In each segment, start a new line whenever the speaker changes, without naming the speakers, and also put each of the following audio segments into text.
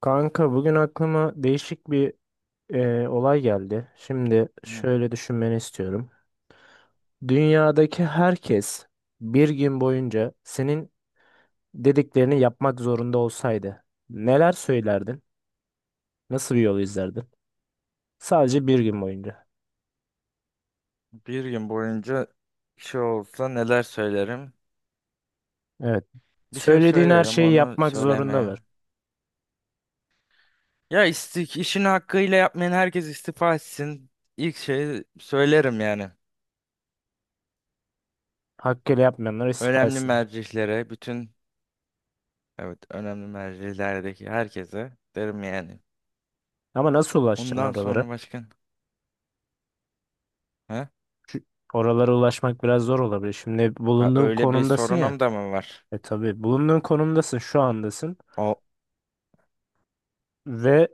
Kanka bugün aklıma değişik bir olay geldi. Şimdi
Hı.
şöyle düşünmeni istiyorum. Dünyadaki herkes bir gün boyunca senin dediklerini yapmak zorunda olsaydı neler söylerdin? Nasıl bir yol izlerdin? Sadece bir gün boyunca.
Bir gün boyunca şey olsa neler söylerim?
Evet.
Bir şey
Söylediğin her
söylerim
şeyi
onu
yapmak
söylemeye.
zorundalar.
Ya istik işini hakkıyla yapmayan herkes istifa etsin. İlk şeyi söylerim yani.
Hakkıyla yapmayanlar istifa
Önemli
etsin.
mercihlere, bütün evet önemli mercilerdeki herkese derim yani.
Ama nasıl ulaşacaksın
Ondan
oralara?
sonra başkan. Ha?
Oralara ulaşmak biraz zor olabilir. Şimdi
Ha
bulunduğun
öyle bir
konumdasın ya.
sorunum da mı var?
E tabii bulunduğun konumdasın, şu andasın.
O
Ve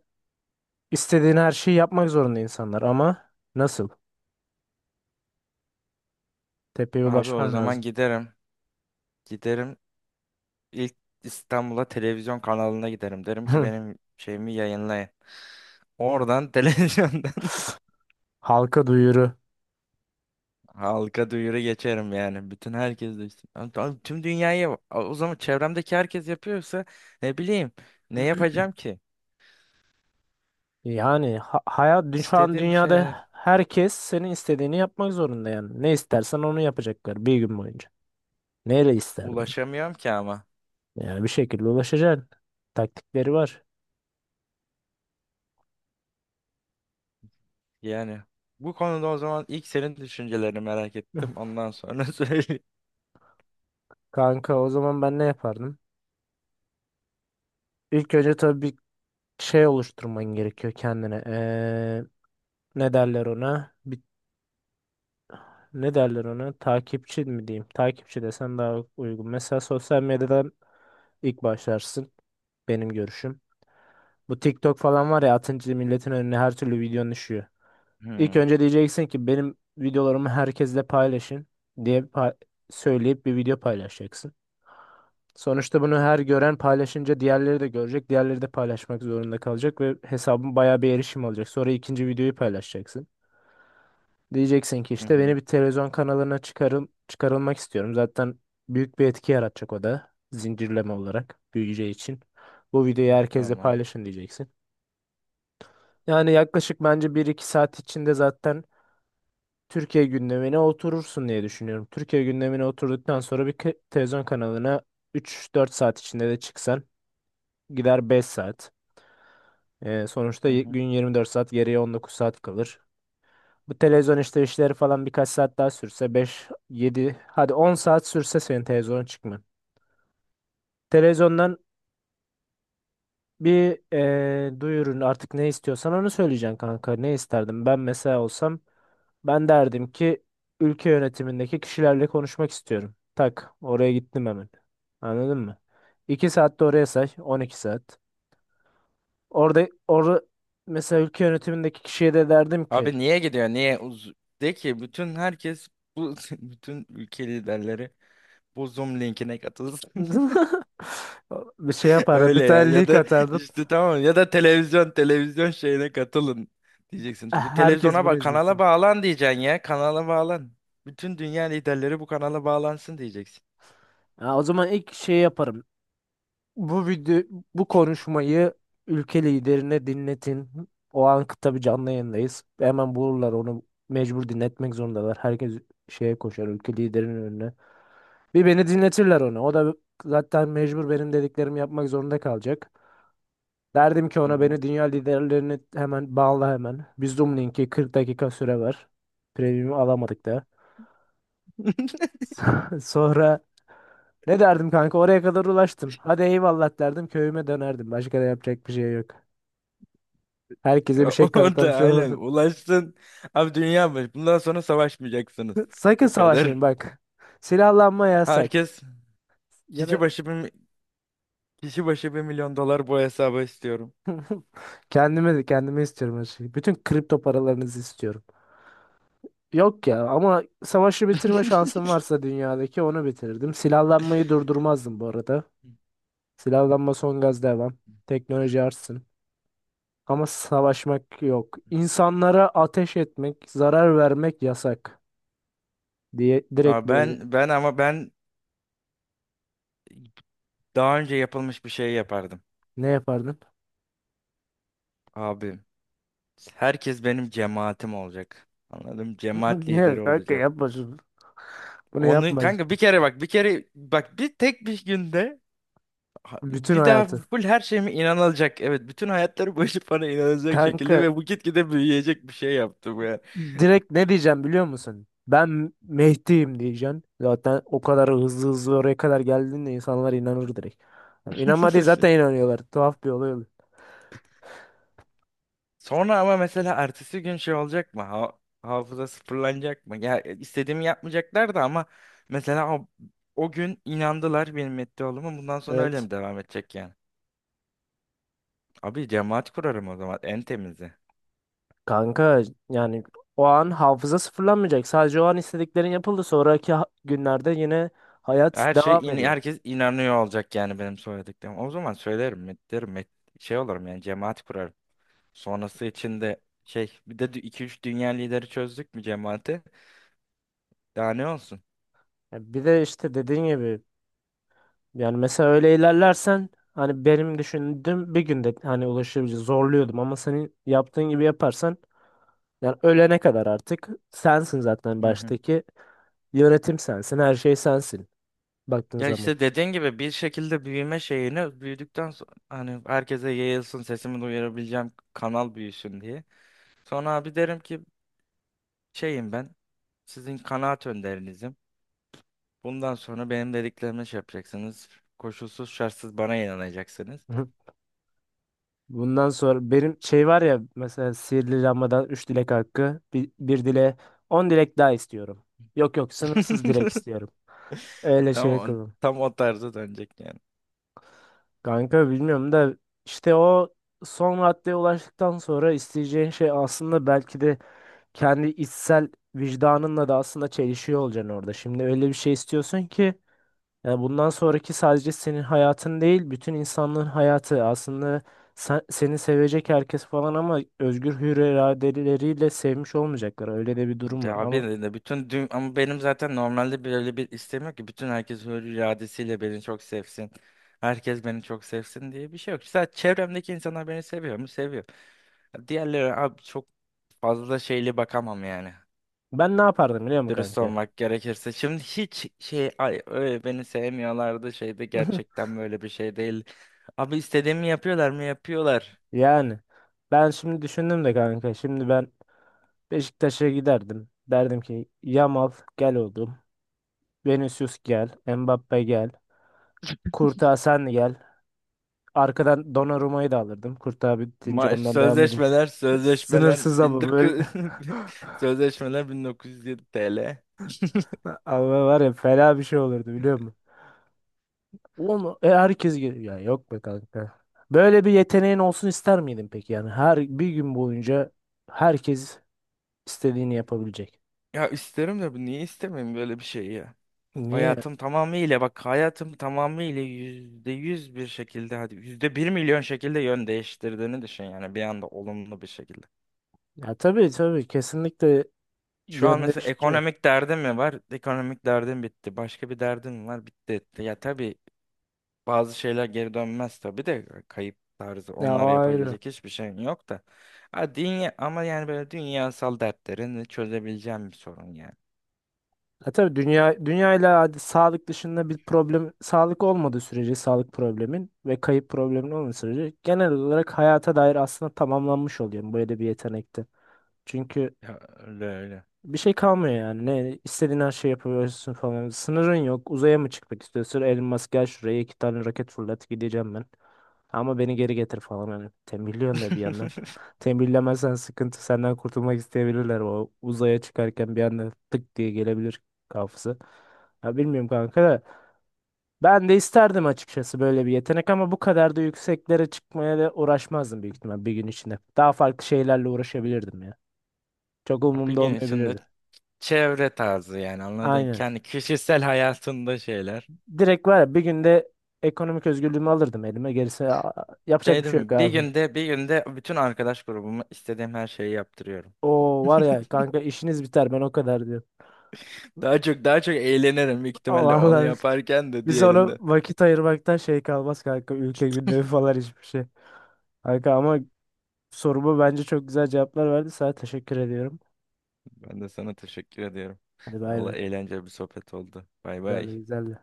İstediğin her şeyi yapmak zorunda insanlar ama nasıl? Tepeye
abi o
ulaşman
zaman
lazım.
giderim. Giderim ilk İstanbul'a televizyon kanalına giderim. Derim ki benim şeyimi yayınlayın. Oradan televizyondan
Halka duyuru.
halka duyuru geçerim yani. Bütün herkes duysun. Abi, abi tüm dünyayı o zaman çevremdeki herkes yapıyorsa ne bileyim, ne yapacağım ki?
Yani şu an
İstediğim şeyler.
dünyada herkes senin istediğini yapmak zorunda yani. Ne istersen onu yapacaklar bir gün boyunca. Neyle isterdin?
Ulaşamıyorum ki ama.
Yani bir şekilde ulaşacaksın. Taktikleri var.
Yani bu konuda o zaman ilk senin düşüncelerini merak ettim. Ondan sonra söyle.
Kanka o zaman ben ne yapardım? İlk önce tabii bir şey oluşturman gerekiyor kendine. Ne derler ona? Bir ne derler ona? Takipçi mi diyeyim? Takipçi desem daha uygun. Mesela sosyal medyadan ilk başlarsın. Benim görüşüm. Bu TikTok falan var ya, atınca milletin önüne her türlü videon düşüyor. İlk
Hı
önce diyeceksin ki benim videolarımı herkesle paylaşın diye söyleyip bir video paylaşacaksın. Sonuçta bunu her gören paylaşınca diğerleri de görecek. Diğerleri de paylaşmak zorunda kalacak ve hesabın bayağı bir erişim alacak. Sonra ikinci videoyu paylaşacaksın. Diyeceksin ki
hı
işte beni
hı.
bir televizyon kanalına çıkarılmak istiyorum. Zaten büyük bir etki yaratacak o da, zincirleme olarak büyüyeceği için. Bu videoyu herkesle
Tamam.
paylaşın diyeceksin. Yani yaklaşık bence bir iki saat içinde zaten Türkiye gündemine oturursun diye düşünüyorum. Türkiye gündemine oturduktan sonra televizyon kanalına üç dört saat içinde de çıksan, gider 5 saat. Sonuçta
Hı hı.
gün 24 saat, geriye 19 saat kalır. Bu televizyon işte işleri falan birkaç saat daha sürse, 5 yedi, hadi 10 saat sürse senin televizyona çıkman. Televizyondan bir duyurun, artık ne istiyorsan onu söyleyeceksin kanka. Ne isterdim? Ben mesela olsam ben derdim ki ülke yönetimindeki kişilerle konuşmak istiyorum. Tak oraya gittim hemen. Anladın mı? 2 saat de oraya say. 12 saat. Orada orada mesela ülke yönetimindeki kişiye de derdim ki
Abi niye gidiyor? Niye? De ki bütün herkes bu bütün ülke liderleri bu Zoom linkine katılsın.
bir şey yapardım. Bir
Öyle ya,
tane
ya
link
da
atardım.
işte tamam, ya da televizyon şeyine katılın diyeceksin. Bu
Herkes
televizyona
bunu
bak, kanala
izlesin.
bağlan diyeceksin, ya kanala bağlan. Bütün dünya liderleri bu kanala bağlansın diyeceksin.
Ha, o zaman ilk şey yaparım. Bu video, bu konuşmayı ülke liderine dinletin. O an tabii canlı yayındayız. Hemen bulurlar onu, mecbur dinletmek zorundalar. Herkes şeye koşar, ülke liderinin önüne. Bir beni dinletirler onu. O da zaten mecbur benim dediklerimi yapmak zorunda kalacak. Derdim ki
Hı
ona
hı.
beni dünya liderlerini hemen bağla hemen. Bir Zoom linki, 40 dakika süre ver. Premium'u alamadık. Sonra ne derdim kanka, oraya kadar ulaştım. Hadi eyvallah derdim, köyüme dönerdim. Başka da yapacak bir şey yok. Herkese bir
Ya
şey
orada
kanıtlamış
aynen
olurdum.
ulaştın. Abi dünya başı. Bundan sonra savaşmayacaksınız.
Sakın
Bu
savaşmayın
kadar.
bak. Silahlanma yasak.
Herkes
Ya da
kişi başı bir, kişi başı bir milyon dolar bu hesaba istiyorum.
kendime de, kendime istiyorum her şeyi. Bütün kripto paralarınızı istiyorum. Yok ya, ama savaşı bitirme şansım varsa dünyadaki, onu bitirirdim. Silahlanmayı durdurmazdım bu arada. Silahlanma son gaz devam. Teknoloji artsın. Ama savaşmak yok. İnsanlara ateş etmek, zarar vermek yasak diye,
Aa,
direkt böyle.
ben ben ama ben daha önce yapılmış bir şey yapardım.
Ne yapardın?
Abi herkes benim cemaatim olacak. Anladım. Cemaat
Ne
lideri
kanka,
olacağım.
yapmasın. Bunu
Onu
yapmayız.
kanka bir kere bak, bir kere bak, bir tek bir günde
Bütün
bir daha
hayatı.
full her şeyime inanılacak. Evet bütün hayatları boyunca bana inanılacak şekilde
Kanka,
ve bu gitgide büyüyecek bir şey yaptım ya.
direkt ne diyeceğim biliyor musun? Ben Mehdi'yim diyeceksin. Zaten o kadar hızlı hızlı oraya kadar geldiğinde insanlar inanır direkt. Yani İnanmadığı zaten, inanıyorlar. Tuhaf bir olay oluyor.
Sonra ama mesela ertesi gün şey olacak mı? Hafıza sıfırlanacak mı? Ya istediğimi yapmayacaklar da ama mesela o, o gün inandılar benim metti olduğuma. Bundan sonra öyle
Evet.
mi devam edecek yani? Abi cemaat kurarım o zaman, en temizi.
Kanka yani o an hafıza sıfırlanmayacak. Sadece o an istediklerin yapıldı. Sonraki günlerde yine hayat
Her
devam
şey
ediyor.
herkes inanıyor olacak yani benim söylediklerim. O zaman söylerim, derim, şey olurum yani, cemaat kurarım. Sonrası için de şey, bir de iki üç dünya lideri, çözdük mü cemaati? Daha ne olsun?
Ya bir de işte dediğin gibi, yani mesela öyle ilerlersen, hani benim düşündüğüm bir günde hani ulaşabileceğim, zorluyordum ama senin yaptığın gibi yaparsan yani ölene kadar artık sensin zaten,
Hı hı.
baştaki yönetim sensin, her şey sensin baktığın
Ya
zaman.
işte dediğin gibi bir şekilde büyüme şeyini büyüdükten sonra hani herkese yayılsın, sesimi duyurabileceğim kanal büyüsün diye. Sonra abi derim ki şeyim ben sizin kanaat önderinizim. Bundan sonra benim dediklerimi şey yapacaksınız. Koşulsuz şartsız bana inanacaksınız.
Bundan sonra benim şey var ya, mesela sihirli lambadan 3 dilek hakkı, bir dile 10 dilek daha istiyorum. Yok yok, sınırsız dilek istiyorum. Öyle
Tam,
şey yapalım.
tam o tarza dönecek yani.
Kanka bilmiyorum da, işte o son raddeye ulaştıktan sonra isteyeceğin şey aslında belki de kendi içsel vicdanınla da aslında çelişiyor olacaksın orada. Şimdi öyle bir şey istiyorsun ki, yani bundan sonraki sadece senin hayatın değil, bütün insanlığın hayatı. Aslında seni sevecek herkes falan, ama özgür hür iradeleriyle sevmiş olmayacaklar. Öyle de bir durum var
Ya abi
ama
de bütün ama benim zaten normalde böyle bir isteğim yok ki bütün herkes hür iradesiyle beni çok sevsin. Herkes beni çok sevsin diye bir şey yok. Sadece çevremdeki insanlar beni seviyor mu? Seviyor. Diğerleri abi çok fazla şeyli bakamam yani.
ben ne yapardım biliyor musun
Dürüst
kanka?
olmak gerekirse. Şimdi hiç şey öyle beni sevmiyorlardı şeyde, gerçekten böyle bir şey değil. Abi istediğimi yapıyorlar mı? Yapıyorlar.
Yani ben şimdi düşündüm de kanka. Şimdi ben Beşiktaş'a giderdim. Derdim ki Yamal, gel oğlum. Vinicius gel. Mbappe gel. Kurtağı sen gel. Arkadan Donnarumma'yı da alırdım. Kurtağı bitince
Maaş,
ondan devam eder.
sözleşmeler,
Sınırsız
sözleşmeler
ama böyle.
1900 sözleşmeler 1907 TL.
Ama var ya, fena bir şey olurdu biliyor musun? Oğlum herkes geliyor. Ya yok be kanka. Böyle bir yeteneğin olsun ister miydin peki? Yani her bir gün boyunca herkes istediğini yapabilecek.
Ya isterim de, bu niye istemeyeyim böyle bir şeyi ya.
Niye?
Hayatım tamamıyla, bak hayatım tamamıyla yüzde yüz bir şekilde, hadi yüzde bir milyon şekilde yön değiştirdiğini düşün yani, bir anda olumlu bir şekilde.
Ya tabii tabii, kesinlikle
Şu an mesela
yönlendirici.
ekonomik derdim mi var? Ekonomik derdim bitti. Başka bir derdim mi var? Bitti etti. Ya tabii bazı şeyler geri dönmez tabii de, kayıp tarzı
Ya
onlara
o ayrı.
yapabilecek hiçbir şeyin yok da. Ha, dünya, ama yani böyle dünyasal dertlerini çözebileceğim bir sorun yani.
Ya tabii, dünya dünyayla, hadi sağlık dışında bir problem, sağlık olmadığı sürece, sağlık problemin ve kayıp problemin olmadığı sürece genel olarak hayata dair aslında tamamlanmış oluyor böyle bir yetenekte. Çünkü
Ya öyle öyle.
bir şey kalmıyor yani. Ne istediğin her şeyi yapabiliyorsun falan. Sınırın yok. Uzaya mı çıkmak istiyorsun? Elon Musk gel şuraya, iki tane roket fırlat, gideceğim ben. Ama beni geri getir falan hani. Tembihliyorsun da bir yandan. Tembihlemezsen sıkıntı, senden kurtulmak isteyebilirler. O uzaya çıkarken bir anda tık diye gelebilir kafası. Ya bilmiyorum kanka da. Ben de isterdim açıkçası böyle bir yetenek, ama bu kadar da yükseklere çıkmaya da uğraşmazdım büyük ihtimal bir gün içinde. Daha farklı şeylerle uğraşabilirdim ya. Çok
Bir
umurumda
gün içinde
olmayabilirdi.
çevre tarzı yani, anladın.
Aynen.
Kendi kişisel hayatında şeyler.
Direkt var ya bir günde ekonomik özgürlüğümü alırdım elime. Gerisi, yapacak
Şey
bir
değil
şey yok
mi? Bir
abi.
günde, bir günde bütün arkadaş grubumu istediğim her şeyi yaptırıyorum.
O var ya kanka, işiniz biter ben o kadar diyorum.
Daha çok, daha çok eğlenirim büyük ihtimalle onu
Vallahi
yaparken de
biz ona
diğerinde.
vakit ayırmaktan şey kalmaz kanka, ülke gündemi falan hiçbir şey. Kanka ama soruma bence çok güzel cevaplar verdi. Sana teşekkür ediyorum.
Ben de sana teşekkür ediyorum.
Hadi bay
Vallahi
bay.
eğlenceli bir sohbet oldu. Bay bay.
Güzeldi güzeldi.